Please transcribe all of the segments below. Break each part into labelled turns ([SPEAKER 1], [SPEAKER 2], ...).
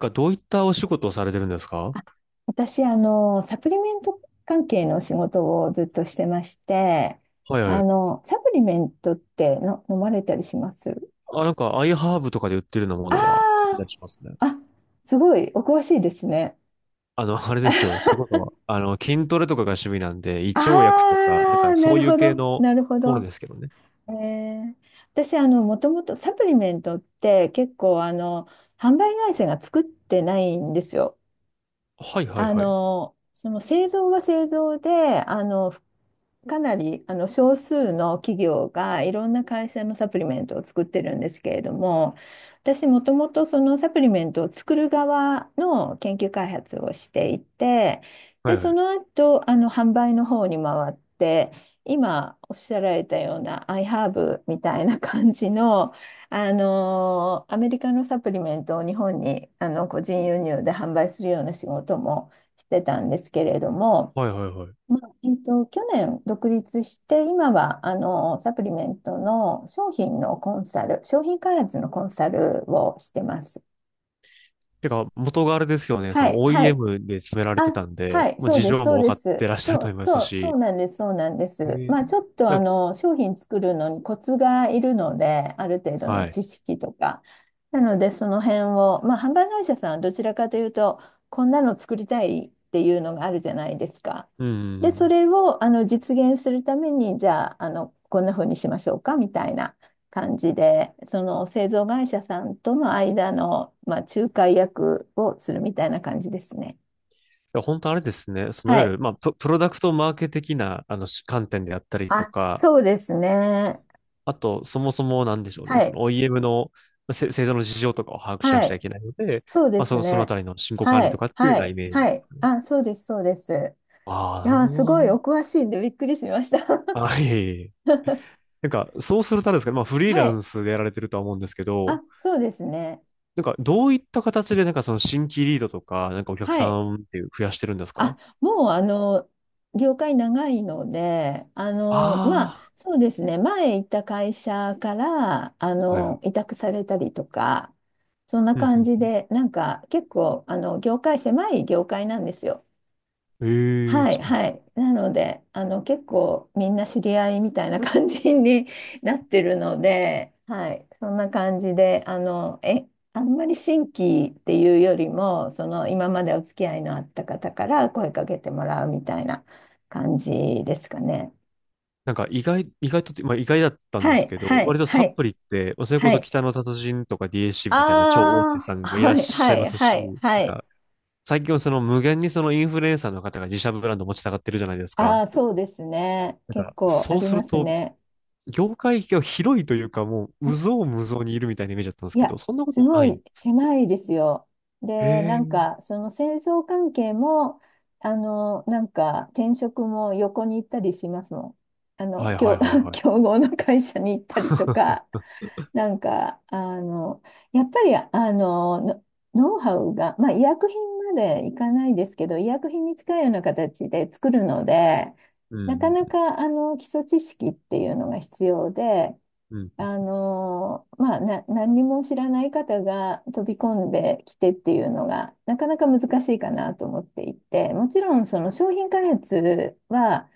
[SPEAKER 1] がどういったお仕事をされてるんですか？
[SPEAKER 2] あ私、サプリメント関係の仕事をずっとしてまして、
[SPEAKER 1] はいはい。
[SPEAKER 2] サプリメントっての飲まれたりします
[SPEAKER 1] あ、なんか、アイハーブとかで売ってるようなものは買っ
[SPEAKER 2] あ
[SPEAKER 1] たりしますね。
[SPEAKER 2] あー、あ、すごい、お詳しいですね。
[SPEAKER 1] あれですよ。それこそ、筋トレとかが趣味なんで、胃腸薬とか、なん
[SPEAKER 2] あ
[SPEAKER 1] か
[SPEAKER 2] あ、な
[SPEAKER 1] そう
[SPEAKER 2] る
[SPEAKER 1] いう
[SPEAKER 2] ほ
[SPEAKER 1] 系
[SPEAKER 2] ど、
[SPEAKER 1] の
[SPEAKER 2] なるほ
[SPEAKER 1] もの
[SPEAKER 2] ど。
[SPEAKER 1] ですけどね。
[SPEAKER 2] えー、私、もともとサプリメントって結構、販売会社が作ってないんですよ。
[SPEAKER 1] はいはいはい。
[SPEAKER 2] その製造は製造で、かなりあの少数の企業がいろんな会社のサプリメントを作ってるんですけれども、私もともとそのサプリメントを作る側の研究開発をしていて、
[SPEAKER 1] は
[SPEAKER 2] で、
[SPEAKER 1] いは
[SPEAKER 2] その
[SPEAKER 1] い。
[SPEAKER 2] 後、あの販売の方に回って、今おっしゃられたような iHerb みたいな感じの、あのアメリカのサプリメントを日本にあの個人輸入で販売するような仕事もしてたんですけれども、
[SPEAKER 1] はいはいはい。
[SPEAKER 2] まあ、去年独立して今はあのサプリメントの商品のコンサル、商品開発のコンサルをしてます。
[SPEAKER 1] てか、元があれですよね。そ
[SPEAKER 2] は
[SPEAKER 1] の
[SPEAKER 2] い、はい。
[SPEAKER 1] OEM で詰められて
[SPEAKER 2] あ、
[SPEAKER 1] たん
[SPEAKER 2] は
[SPEAKER 1] で、
[SPEAKER 2] い、
[SPEAKER 1] もう
[SPEAKER 2] そう
[SPEAKER 1] 事
[SPEAKER 2] です、
[SPEAKER 1] 情
[SPEAKER 2] そ
[SPEAKER 1] も
[SPEAKER 2] う
[SPEAKER 1] 分
[SPEAKER 2] で
[SPEAKER 1] かって
[SPEAKER 2] す。
[SPEAKER 1] らっしゃる
[SPEAKER 2] そ
[SPEAKER 1] と
[SPEAKER 2] う、
[SPEAKER 1] 思います
[SPEAKER 2] そう、そう
[SPEAKER 1] し。
[SPEAKER 2] なんです、そうなんで
[SPEAKER 1] え
[SPEAKER 2] す。
[SPEAKER 1] ー
[SPEAKER 2] まあ、ちょっと
[SPEAKER 1] じ
[SPEAKER 2] あ
[SPEAKER 1] ゃ
[SPEAKER 2] の、商品作るのにコツがいるので、ある程度
[SPEAKER 1] あ、
[SPEAKER 2] の
[SPEAKER 1] はい。
[SPEAKER 2] 知識とか。なので、その辺を、まあ、販売会社さんはどちらかというと、こんなの作りたいっていうのがあるじゃないですか。
[SPEAKER 1] うんうんう
[SPEAKER 2] で、
[SPEAKER 1] ん。
[SPEAKER 2] そ
[SPEAKER 1] い
[SPEAKER 2] れをあの実現するために、じゃあ、あの、こんな風にしましょうか、みたいな感じで、その製造会社さんとの間の、まあ、仲介役をするみたいな感じですね。
[SPEAKER 1] や、本当あれですね。そのい
[SPEAKER 2] は
[SPEAKER 1] わゆ
[SPEAKER 2] い。
[SPEAKER 1] る、まあ、プロダクトマーケ的な、し観点であったりと
[SPEAKER 2] あ、
[SPEAKER 1] か、
[SPEAKER 2] そうですね。
[SPEAKER 1] あと、そもそもなんでしょう
[SPEAKER 2] は
[SPEAKER 1] ね、そ
[SPEAKER 2] い。
[SPEAKER 1] の OEM のせ製造の事情とかを把握しな
[SPEAKER 2] は
[SPEAKER 1] くちゃい
[SPEAKER 2] い。
[SPEAKER 1] けないので、
[SPEAKER 2] そうで
[SPEAKER 1] まあ、そ
[SPEAKER 2] す
[SPEAKER 1] の、そのあ
[SPEAKER 2] ね。
[SPEAKER 1] たりの進行管
[SPEAKER 2] は
[SPEAKER 1] 理と
[SPEAKER 2] い。
[SPEAKER 1] かっていうよ
[SPEAKER 2] は
[SPEAKER 1] うなイ
[SPEAKER 2] い。
[SPEAKER 1] メージ
[SPEAKER 2] は
[SPEAKER 1] です
[SPEAKER 2] い。
[SPEAKER 1] かね。
[SPEAKER 2] あ、そうです。そうです。
[SPEAKER 1] ああ、
[SPEAKER 2] い
[SPEAKER 1] なる
[SPEAKER 2] やー、
[SPEAKER 1] ほ
[SPEAKER 2] す
[SPEAKER 1] ど
[SPEAKER 2] ごい
[SPEAKER 1] な。
[SPEAKER 2] お詳しいんでびっくりしました。
[SPEAKER 1] あ、いいえいえ。なんか、そうするとあれですかね、まあ、フリー
[SPEAKER 2] は
[SPEAKER 1] ラ
[SPEAKER 2] い。
[SPEAKER 1] ンスでやられてるとは思うんですけど、
[SPEAKER 2] あ、そうですね。
[SPEAKER 1] なんか、どういった形で、なんか、その新規リードとか、なんかお客
[SPEAKER 2] は
[SPEAKER 1] さ
[SPEAKER 2] い。
[SPEAKER 1] んっていう増やしてるんです
[SPEAKER 2] あ、
[SPEAKER 1] か？
[SPEAKER 2] もう、業界長いので、まあ、
[SPEAKER 1] あ
[SPEAKER 2] そうですね。前行った会社から、
[SPEAKER 1] あー、はいはい。
[SPEAKER 2] 委託されたりとか、そんな
[SPEAKER 1] う
[SPEAKER 2] 感
[SPEAKER 1] ん
[SPEAKER 2] じ
[SPEAKER 1] うん
[SPEAKER 2] で、なんか、結構、業界、狭い業界なんですよ。
[SPEAKER 1] うん。ええ、
[SPEAKER 2] はい、
[SPEAKER 1] そうなんで
[SPEAKER 2] は
[SPEAKER 1] す。
[SPEAKER 2] い。なので、結構みんな知り合いみたいな感じに なってるので、はい、そんな感じで、あんまり新規っていうよりも、その、今までお付き合いのあった方から声かけてもらうみたいな感じですかね。
[SPEAKER 1] なんか意外とって、まあ意外だったんで
[SPEAKER 2] は
[SPEAKER 1] す
[SPEAKER 2] い、
[SPEAKER 1] けど、
[SPEAKER 2] は
[SPEAKER 1] 割
[SPEAKER 2] い、
[SPEAKER 1] と
[SPEAKER 2] は
[SPEAKER 1] サ
[SPEAKER 2] い、
[SPEAKER 1] プリって、それこ
[SPEAKER 2] は
[SPEAKER 1] そ
[SPEAKER 2] い。
[SPEAKER 1] 北の達人とか DHC みたいな超大手
[SPEAKER 2] あ
[SPEAKER 1] さ
[SPEAKER 2] あ、
[SPEAKER 1] んもいらっ
[SPEAKER 2] はい、
[SPEAKER 1] しゃ
[SPEAKER 2] は
[SPEAKER 1] いま
[SPEAKER 2] い、
[SPEAKER 1] す
[SPEAKER 2] は
[SPEAKER 1] し、
[SPEAKER 2] い、は
[SPEAKER 1] なん
[SPEAKER 2] い。
[SPEAKER 1] か最近はその無限にそのインフルエンサーの方が自社ブランド持ちたがってるじゃないです
[SPEAKER 2] あ
[SPEAKER 1] か。
[SPEAKER 2] あ、そうですね。
[SPEAKER 1] なん
[SPEAKER 2] 結
[SPEAKER 1] か
[SPEAKER 2] 構あ
[SPEAKER 1] そう
[SPEAKER 2] り
[SPEAKER 1] す
[SPEAKER 2] ま
[SPEAKER 1] る
[SPEAKER 2] す
[SPEAKER 1] と、
[SPEAKER 2] ね。
[SPEAKER 1] 業界が広いというかもう、有象無象にいるみたいなイメージだったんで
[SPEAKER 2] い
[SPEAKER 1] すけど、
[SPEAKER 2] や、
[SPEAKER 1] そんなこと
[SPEAKER 2] す
[SPEAKER 1] も
[SPEAKER 2] ご
[SPEAKER 1] ないんで
[SPEAKER 2] い
[SPEAKER 1] す。
[SPEAKER 2] 狭いですよ。
[SPEAKER 1] へ
[SPEAKER 2] で、なん
[SPEAKER 1] え。
[SPEAKER 2] か、その戦争関係も、なんか、転職も横に行ったりしますもん。
[SPEAKER 1] はいはいはい はい。
[SPEAKER 2] 競合の会社に行ったりと か、なんか、やっぱり、ノウハウが、まあ、医薬品までいかないですけど、医薬品に近いような形で作るので、
[SPEAKER 1] う
[SPEAKER 2] なか
[SPEAKER 1] ん、
[SPEAKER 2] なか、基礎知識っていうのが必要で、
[SPEAKER 1] うん、
[SPEAKER 2] まあ、何にも知らない方が飛び込んできてっていうのがなかなか難しいかなと思っていて、もちろんその商品開発は、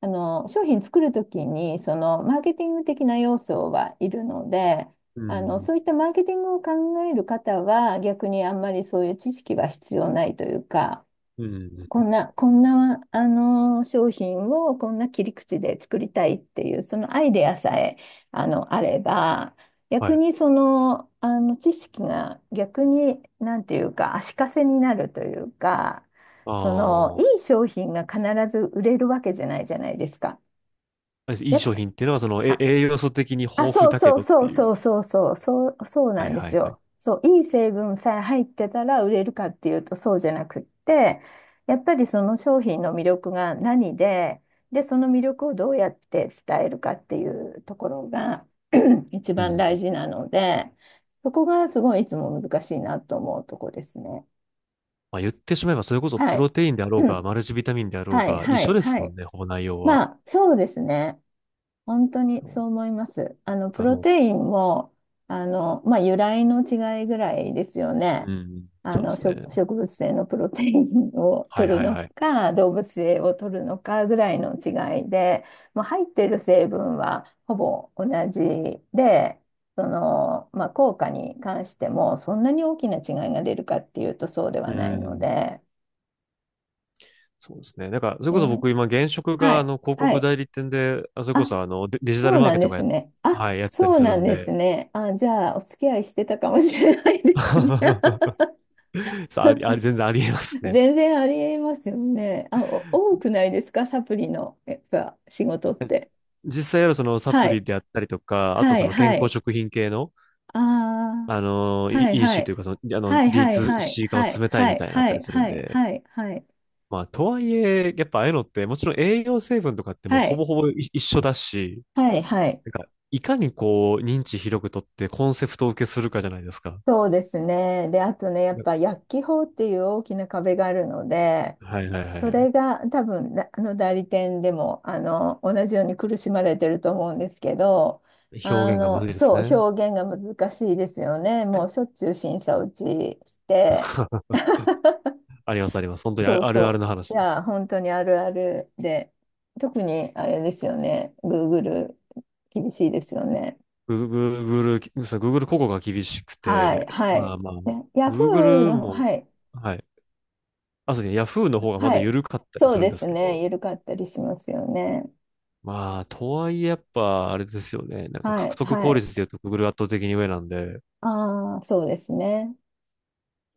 [SPEAKER 2] 商品作るときにそのマーケティング的な要素はいるので、
[SPEAKER 1] うん、
[SPEAKER 2] そういったマーケティングを考える方は逆にあんまりそういう知識は必要ないというか、
[SPEAKER 1] うん、う
[SPEAKER 2] こ
[SPEAKER 1] ん
[SPEAKER 2] んな、こんな、商品をこんな切り口で作りたいっていう、そのアイデアさえ、あれば、
[SPEAKER 1] は
[SPEAKER 2] 逆
[SPEAKER 1] い。
[SPEAKER 2] にその、知識が逆に、なんていうか、足かせになるというか、その、
[SPEAKER 1] あ
[SPEAKER 2] いい商品が必ず売れるわけじゃないじゃないですか。
[SPEAKER 1] あ、い
[SPEAKER 2] や
[SPEAKER 1] い
[SPEAKER 2] っ
[SPEAKER 1] 商
[SPEAKER 2] ぱ、
[SPEAKER 1] 品っていうのは、その、え栄養素的に豊
[SPEAKER 2] あ、
[SPEAKER 1] 富だけどっていう。
[SPEAKER 2] そう
[SPEAKER 1] は
[SPEAKER 2] な
[SPEAKER 1] い
[SPEAKER 2] んで
[SPEAKER 1] は
[SPEAKER 2] す
[SPEAKER 1] いはい。
[SPEAKER 2] よ。そう、いい成分さえ入ってたら売れるかっていうとそうじゃなくって、やっぱりその商品の魅力が何で、で、その魅力をどうやって伝えるかっていうところが 一
[SPEAKER 1] う
[SPEAKER 2] 番大
[SPEAKER 1] ん。
[SPEAKER 2] 事なので、そこがすごいいつも難しいなと思うとこですね。
[SPEAKER 1] まあ、言ってしまえば、それこそ
[SPEAKER 2] は
[SPEAKER 1] プロ
[SPEAKER 2] い。
[SPEAKER 1] テインであろうが、マルチビタミンであろう
[SPEAKER 2] はい、
[SPEAKER 1] が、一
[SPEAKER 2] は
[SPEAKER 1] 緒
[SPEAKER 2] い、
[SPEAKER 1] です
[SPEAKER 2] は
[SPEAKER 1] もん
[SPEAKER 2] い。
[SPEAKER 1] ね、ほぼ内容は。
[SPEAKER 2] まあ、そうですね。本当にそう
[SPEAKER 1] だ
[SPEAKER 2] 思います。あの、
[SPEAKER 1] か
[SPEAKER 2] プ
[SPEAKER 1] ら
[SPEAKER 2] ロ
[SPEAKER 1] も
[SPEAKER 2] テインも、まあ、由来の違いぐらいですよ
[SPEAKER 1] う、う
[SPEAKER 2] ね。
[SPEAKER 1] ん、
[SPEAKER 2] あ
[SPEAKER 1] そうで
[SPEAKER 2] の、
[SPEAKER 1] すね。
[SPEAKER 2] 植物性のプロテインを
[SPEAKER 1] はい
[SPEAKER 2] 取る
[SPEAKER 1] はい
[SPEAKER 2] の
[SPEAKER 1] はい。
[SPEAKER 2] か、動物性を取るのかぐらいの違いで、まあ、入ってる成分はほぼ同じで、その、まあ、効果に関しても、そんなに大きな違いが出るかっていうとそうで
[SPEAKER 1] う
[SPEAKER 2] はないの
[SPEAKER 1] ん。
[SPEAKER 2] で、
[SPEAKER 1] そうですね。だから、それ
[SPEAKER 2] う
[SPEAKER 1] こそ
[SPEAKER 2] ん、
[SPEAKER 1] 僕今、現職
[SPEAKER 2] は
[SPEAKER 1] が、
[SPEAKER 2] い、
[SPEAKER 1] 広
[SPEAKER 2] は
[SPEAKER 1] 告
[SPEAKER 2] い。
[SPEAKER 1] 代理店で、あ、それこ
[SPEAKER 2] あ、
[SPEAKER 1] そ、デ、デジタ
[SPEAKER 2] そ
[SPEAKER 1] ル
[SPEAKER 2] う
[SPEAKER 1] マー
[SPEAKER 2] な
[SPEAKER 1] ケ
[SPEAKER 2] ん
[SPEAKER 1] ッ
[SPEAKER 2] で
[SPEAKER 1] トが
[SPEAKER 2] すね。あ、
[SPEAKER 1] はい、やってたり
[SPEAKER 2] そう
[SPEAKER 1] す
[SPEAKER 2] な
[SPEAKER 1] る
[SPEAKER 2] ん
[SPEAKER 1] ん
[SPEAKER 2] です
[SPEAKER 1] で、
[SPEAKER 2] ね。あ、じゃあ、お付き合いしてたかもしれないで すね。
[SPEAKER 1] さあ、あり、あり、全然ありえますね。
[SPEAKER 2] 全然ありえますよね。あ、お多くないですか、サプリの、やっぱ、仕事って。
[SPEAKER 1] 実際やるそのサ
[SPEAKER 2] は
[SPEAKER 1] プリ
[SPEAKER 2] い。
[SPEAKER 1] であったりとか、あと
[SPEAKER 2] は
[SPEAKER 1] そ
[SPEAKER 2] い、
[SPEAKER 1] の
[SPEAKER 2] は
[SPEAKER 1] 健康
[SPEAKER 2] い。
[SPEAKER 1] 食品系の、
[SPEAKER 2] ああ、はい、
[SPEAKER 1] イーシ
[SPEAKER 2] は
[SPEAKER 1] c と
[SPEAKER 2] い。
[SPEAKER 1] いうか、その、
[SPEAKER 2] はい、はい、はい、
[SPEAKER 1] D2C 化を
[SPEAKER 2] は
[SPEAKER 1] 進
[SPEAKER 2] い、
[SPEAKER 1] めたい
[SPEAKER 2] は
[SPEAKER 1] み
[SPEAKER 2] い、
[SPEAKER 1] たいなのあっ
[SPEAKER 2] は
[SPEAKER 1] たり
[SPEAKER 2] い、
[SPEAKER 1] するん
[SPEAKER 2] はい、
[SPEAKER 1] で、
[SPEAKER 2] はい、はい、
[SPEAKER 1] まあ、とはいえ、やっぱああいうのって、もちろん栄養成分とかってもう
[SPEAKER 2] は
[SPEAKER 1] ほ
[SPEAKER 2] い、
[SPEAKER 1] ぼほぼい一緒だし、
[SPEAKER 2] はい、はい。
[SPEAKER 1] なんか、いかにこう、認知広くとってコンセプトを受けするかじゃないですか。
[SPEAKER 2] そうですね。で、あとね、やっぱ薬機法っていう大きな壁があるので、
[SPEAKER 1] はいはいはい
[SPEAKER 2] そ
[SPEAKER 1] はい。
[SPEAKER 2] れが多分だあの代理店でもあの同じように苦しまれてると思うんですけど、
[SPEAKER 1] 表
[SPEAKER 2] あ
[SPEAKER 1] 現がむず
[SPEAKER 2] の
[SPEAKER 1] いです
[SPEAKER 2] そう、
[SPEAKER 1] ね。
[SPEAKER 2] 表現が難しいですよね。もうしょっちゅう審査落ちして、
[SPEAKER 1] ありますあります。本当 にあ
[SPEAKER 2] そう
[SPEAKER 1] あるある
[SPEAKER 2] そ
[SPEAKER 1] の
[SPEAKER 2] う。い
[SPEAKER 1] 話で
[SPEAKER 2] や、
[SPEAKER 1] す。
[SPEAKER 2] 本当にあるあるで、特にあれですよね。Google 厳しいですよね。
[SPEAKER 1] Google そう、 Google 広告が厳しく
[SPEAKER 2] はい、
[SPEAKER 1] て、
[SPEAKER 2] は
[SPEAKER 1] ま
[SPEAKER 2] い。
[SPEAKER 1] あまあ、
[SPEAKER 2] ね、Yahoo
[SPEAKER 1] Google
[SPEAKER 2] の、
[SPEAKER 1] も、
[SPEAKER 2] はい。
[SPEAKER 1] はい。あ、そうですね、Yahoo の方がま
[SPEAKER 2] は
[SPEAKER 1] だ
[SPEAKER 2] い。
[SPEAKER 1] 緩かったり
[SPEAKER 2] そう
[SPEAKER 1] するん
[SPEAKER 2] で
[SPEAKER 1] です
[SPEAKER 2] す
[SPEAKER 1] け
[SPEAKER 2] ね。
[SPEAKER 1] ど、
[SPEAKER 2] 緩かったりしますよね。
[SPEAKER 1] まあ、とはいえやっぱ、あれですよね。なんか
[SPEAKER 2] は
[SPEAKER 1] 獲
[SPEAKER 2] い。
[SPEAKER 1] 得
[SPEAKER 2] は
[SPEAKER 1] 効率で
[SPEAKER 2] い。
[SPEAKER 1] 言うと Google 圧倒的に上なんで、で
[SPEAKER 2] ああ、そうですね。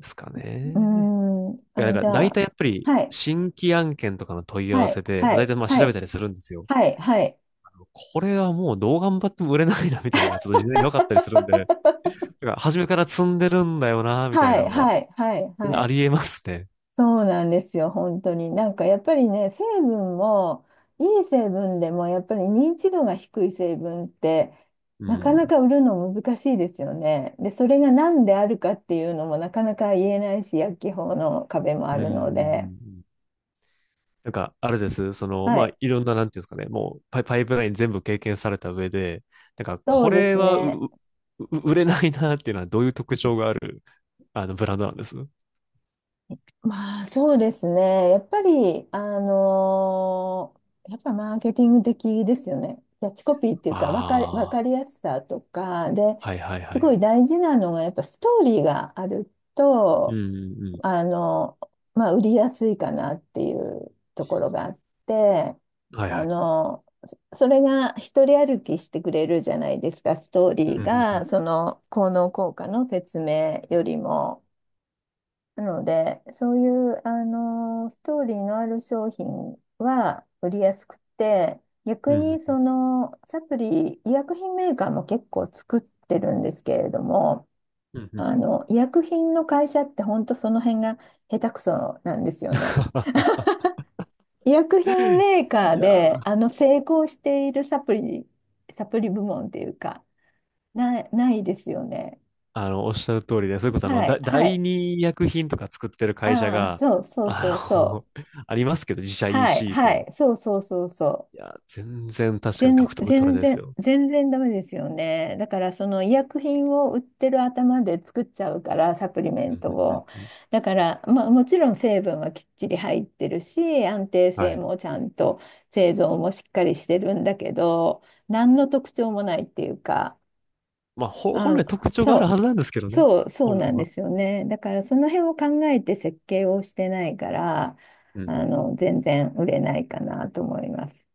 [SPEAKER 1] すか
[SPEAKER 2] うー
[SPEAKER 1] ね。
[SPEAKER 2] ん。
[SPEAKER 1] いや、
[SPEAKER 2] あ、
[SPEAKER 1] なんか
[SPEAKER 2] じゃ
[SPEAKER 1] 大
[SPEAKER 2] あ、
[SPEAKER 1] 体やっぱり
[SPEAKER 2] はい。
[SPEAKER 1] 新規案件とかの問い合
[SPEAKER 2] は
[SPEAKER 1] わ
[SPEAKER 2] い。
[SPEAKER 1] せで、
[SPEAKER 2] は
[SPEAKER 1] 大
[SPEAKER 2] い。
[SPEAKER 1] 体まあ
[SPEAKER 2] は
[SPEAKER 1] 調べた
[SPEAKER 2] い。
[SPEAKER 1] りするんですよ。
[SPEAKER 2] はい。はい。
[SPEAKER 1] これはもうどう頑張っても売れないな、みたいなのがちょっと事前に分かったりするんで、なんか初めから積んでるんだよな、みた
[SPEAKER 2] は
[SPEAKER 1] いな
[SPEAKER 2] い。
[SPEAKER 1] のは、
[SPEAKER 2] はい。はい。はい。は
[SPEAKER 1] あ
[SPEAKER 2] い。
[SPEAKER 1] りえますね。
[SPEAKER 2] そうなんですよ、本当に。なんかやっぱりね、成分も、いい成分でもやっぱり認知度が低い成分って、
[SPEAKER 1] う
[SPEAKER 2] なかな
[SPEAKER 1] ん。
[SPEAKER 2] か売るの難しいですよね。で、それが何であるかっていうのもなかなか言えないし、薬機法の壁もあ
[SPEAKER 1] う
[SPEAKER 2] るので。
[SPEAKER 1] ん。なんか、あれです。その、
[SPEAKER 2] は
[SPEAKER 1] まあ、
[SPEAKER 2] い、
[SPEAKER 1] いろんな、なんていうんですかね、もうパイプライン全部経験された上で、なんか、
[SPEAKER 2] そ
[SPEAKER 1] こ
[SPEAKER 2] うで
[SPEAKER 1] れ
[SPEAKER 2] す
[SPEAKER 1] は
[SPEAKER 2] ね。
[SPEAKER 1] う、う売れないなっていうのはどういう特徴がある、ブランドなんです？
[SPEAKER 2] まあそうですね。やっぱり、やっぱマーケティング的ですよね。キャッチコピーっていうか、わか
[SPEAKER 1] ああ
[SPEAKER 2] りやすさとか、で、
[SPEAKER 1] ー、はいはいは
[SPEAKER 2] すごい
[SPEAKER 1] い。
[SPEAKER 2] 大事なのが、やっぱストーリーがある
[SPEAKER 1] うんう
[SPEAKER 2] と、
[SPEAKER 1] んう
[SPEAKER 2] あの、まあ売りやすいかなっていうところがあって、
[SPEAKER 1] ん。はい
[SPEAKER 2] あ
[SPEAKER 1] はい。
[SPEAKER 2] の、それが一人歩きしてくれるじゃないですか、ストー
[SPEAKER 1] うん
[SPEAKER 2] リ
[SPEAKER 1] う
[SPEAKER 2] ー
[SPEAKER 1] んう
[SPEAKER 2] が、
[SPEAKER 1] ん。
[SPEAKER 2] その効能効果の説明よりも。なので、そういう、あのストーリーのある商品は売りやすくて、
[SPEAKER 1] う
[SPEAKER 2] 逆
[SPEAKER 1] んう
[SPEAKER 2] に
[SPEAKER 1] んう
[SPEAKER 2] そ
[SPEAKER 1] ん。
[SPEAKER 2] のサプリ、医薬品メーカーも結構作ってるんですけれども、
[SPEAKER 1] うんうんうん
[SPEAKER 2] 医薬品の会社って本当その辺が下手くそなんですよね。医薬品 メーカ
[SPEAKER 1] い
[SPEAKER 2] ー
[SPEAKER 1] や
[SPEAKER 2] で、
[SPEAKER 1] ー、
[SPEAKER 2] 成功しているサプリ、サプリ部門っていうか、ないですよね。
[SPEAKER 1] おっしゃる通りで、それこそ、
[SPEAKER 2] はい、は
[SPEAKER 1] 第
[SPEAKER 2] い。
[SPEAKER 1] 二医薬品とか作ってる会社
[SPEAKER 2] ああ、
[SPEAKER 1] が、
[SPEAKER 2] そうそうそう
[SPEAKER 1] あ
[SPEAKER 2] そう。
[SPEAKER 1] の、ありますけど、自社
[SPEAKER 2] はい、
[SPEAKER 1] EC
[SPEAKER 2] はい、
[SPEAKER 1] で。
[SPEAKER 2] そうそうそうそう。
[SPEAKER 1] いや、全然確かに獲得取れないですよ。
[SPEAKER 2] 全然ダメですよね。だからその医薬品を売ってる頭で作っちゃうから、サプリメ
[SPEAKER 1] う
[SPEAKER 2] ン
[SPEAKER 1] ん
[SPEAKER 2] ト
[SPEAKER 1] うんうん
[SPEAKER 2] を。
[SPEAKER 1] うん、
[SPEAKER 2] だから、まあ、もちろん成分はきっちり入ってるし、安定
[SPEAKER 1] は
[SPEAKER 2] 性
[SPEAKER 1] い。
[SPEAKER 2] もちゃんと製造もしっかりしてるんだけど、何の特徴もないっていうか、
[SPEAKER 1] まあ、ほ本来
[SPEAKER 2] あ、
[SPEAKER 1] 特徴がある
[SPEAKER 2] そ
[SPEAKER 1] はず
[SPEAKER 2] う、
[SPEAKER 1] なんですけどね。
[SPEAKER 2] そう
[SPEAKER 1] 本来
[SPEAKER 2] なんで
[SPEAKER 1] は。
[SPEAKER 2] すよね。だからその辺を考えて設計をしてないから、
[SPEAKER 1] うんうん、
[SPEAKER 2] 全然売れないかなと思います。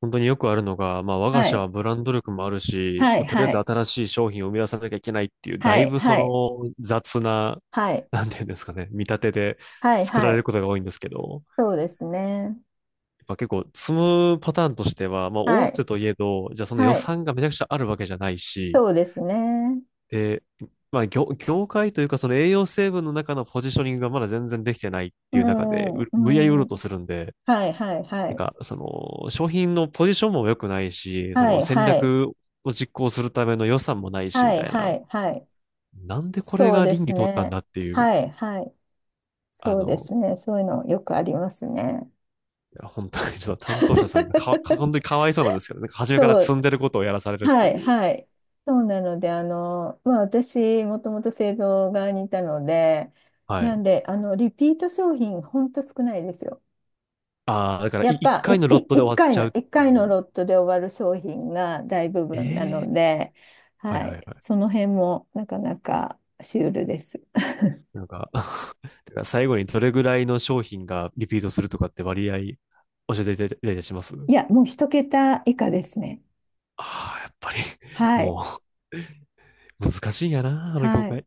[SPEAKER 1] 本当によくあるのが、まあ、我が
[SPEAKER 2] は
[SPEAKER 1] 社
[SPEAKER 2] い、
[SPEAKER 1] はブランド力もあるし、
[SPEAKER 2] は
[SPEAKER 1] ま
[SPEAKER 2] い、
[SPEAKER 1] あ、とりあえ
[SPEAKER 2] は
[SPEAKER 1] ず
[SPEAKER 2] い。
[SPEAKER 1] 新しい商品を生み出さなきゃいけないっていう、だ
[SPEAKER 2] は
[SPEAKER 1] い
[SPEAKER 2] い、
[SPEAKER 1] ぶそ
[SPEAKER 2] はい、
[SPEAKER 1] の雑な、
[SPEAKER 2] はい、
[SPEAKER 1] なんていうんですかね、見立てで
[SPEAKER 2] はい、
[SPEAKER 1] 作
[SPEAKER 2] は
[SPEAKER 1] られる
[SPEAKER 2] い、
[SPEAKER 1] ことが多いんですけど、
[SPEAKER 2] そうですね。
[SPEAKER 1] やっぱ結構積むパターンとしては、まあ、
[SPEAKER 2] は
[SPEAKER 1] 大
[SPEAKER 2] い、
[SPEAKER 1] 手といえど、じゃあその予
[SPEAKER 2] はい、
[SPEAKER 1] 算がめちゃくちゃあるわけじゃないし、
[SPEAKER 2] そうですね。
[SPEAKER 1] で、まあ、業界というか、その栄養成分の中のポジショニングがまだ全然できてないっ
[SPEAKER 2] う
[SPEAKER 1] ていう中で、
[SPEAKER 2] ん、
[SPEAKER 1] う無理やり売ろ
[SPEAKER 2] う
[SPEAKER 1] うと
[SPEAKER 2] ん、
[SPEAKER 1] するんで、
[SPEAKER 2] はい、はい、は
[SPEAKER 1] なん
[SPEAKER 2] い、
[SPEAKER 1] か、その、商品のポジションも良くないし、そ
[SPEAKER 2] は
[SPEAKER 1] の
[SPEAKER 2] い、
[SPEAKER 1] 戦
[SPEAKER 2] はい、
[SPEAKER 1] 略を実行するための予算もないし、み
[SPEAKER 2] はい、
[SPEAKER 1] たいな。
[SPEAKER 2] はい、はい、
[SPEAKER 1] なんでこれ
[SPEAKER 2] そう
[SPEAKER 1] が
[SPEAKER 2] で
[SPEAKER 1] 倫
[SPEAKER 2] す
[SPEAKER 1] 理通ったん
[SPEAKER 2] ね。
[SPEAKER 1] だっていう、
[SPEAKER 2] はい、はい、
[SPEAKER 1] あ
[SPEAKER 2] そうで
[SPEAKER 1] の、
[SPEAKER 2] すね。そういうのよくありますね。
[SPEAKER 1] いや、本当にちょっと担当者さんがか、か本当に かわいそうなんですけどね、なんか初めから
[SPEAKER 2] そ
[SPEAKER 1] 積
[SPEAKER 2] う、
[SPEAKER 1] んでることをやらされるっ
[SPEAKER 2] は
[SPEAKER 1] て
[SPEAKER 2] い、
[SPEAKER 1] いう。
[SPEAKER 2] はい。そうなので、まあ、私、もともと製造側にいたので、
[SPEAKER 1] は
[SPEAKER 2] なん
[SPEAKER 1] い。
[SPEAKER 2] で、リピート商品、ほんと少ないですよ。
[SPEAKER 1] ああ、だから
[SPEAKER 2] や
[SPEAKER 1] い
[SPEAKER 2] っ
[SPEAKER 1] 一
[SPEAKER 2] ぱ、
[SPEAKER 1] 回
[SPEAKER 2] い、
[SPEAKER 1] の
[SPEAKER 2] い、
[SPEAKER 1] ロットで
[SPEAKER 2] 一
[SPEAKER 1] 終わっ
[SPEAKER 2] 回
[SPEAKER 1] ちゃう
[SPEAKER 2] の、
[SPEAKER 1] っ
[SPEAKER 2] 一
[SPEAKER 1] て
[SPEAKER 2] 回の
[SPEAKER 1] いう。
[SPEAKER 2] ロットで終わる商品が大部
[SPEAKER 1] え
[SPEAKER 2] 分な
[SPEAKER 1] え、
[SPEAKER 2] ので、
[SPEAKER 1] はい
[SPEAKER 2] は
[SPEAKER 1] は
[SPEAKER 2] い。
[SPEAKER 1] いは
[SPEAKER 2] そ
[SPEAKER 1] い。
[SPEAKER 2] の辺もなかなかシュールです。
[SPEAKER 1] なんか てか最後にどれぐらいの商品がリピートするとかって割合教えていただいたりします？
[SPEAKER 2] いや、もう一桁以下ですね。
[SPEAKER 1] あ あー、やっぱり、
[SPEAKER 2] はい。
[SPEAKER 1] もう、難しいんやな、あの業
[SPEAKER 2] はい。
[SPEAKER 1] 界。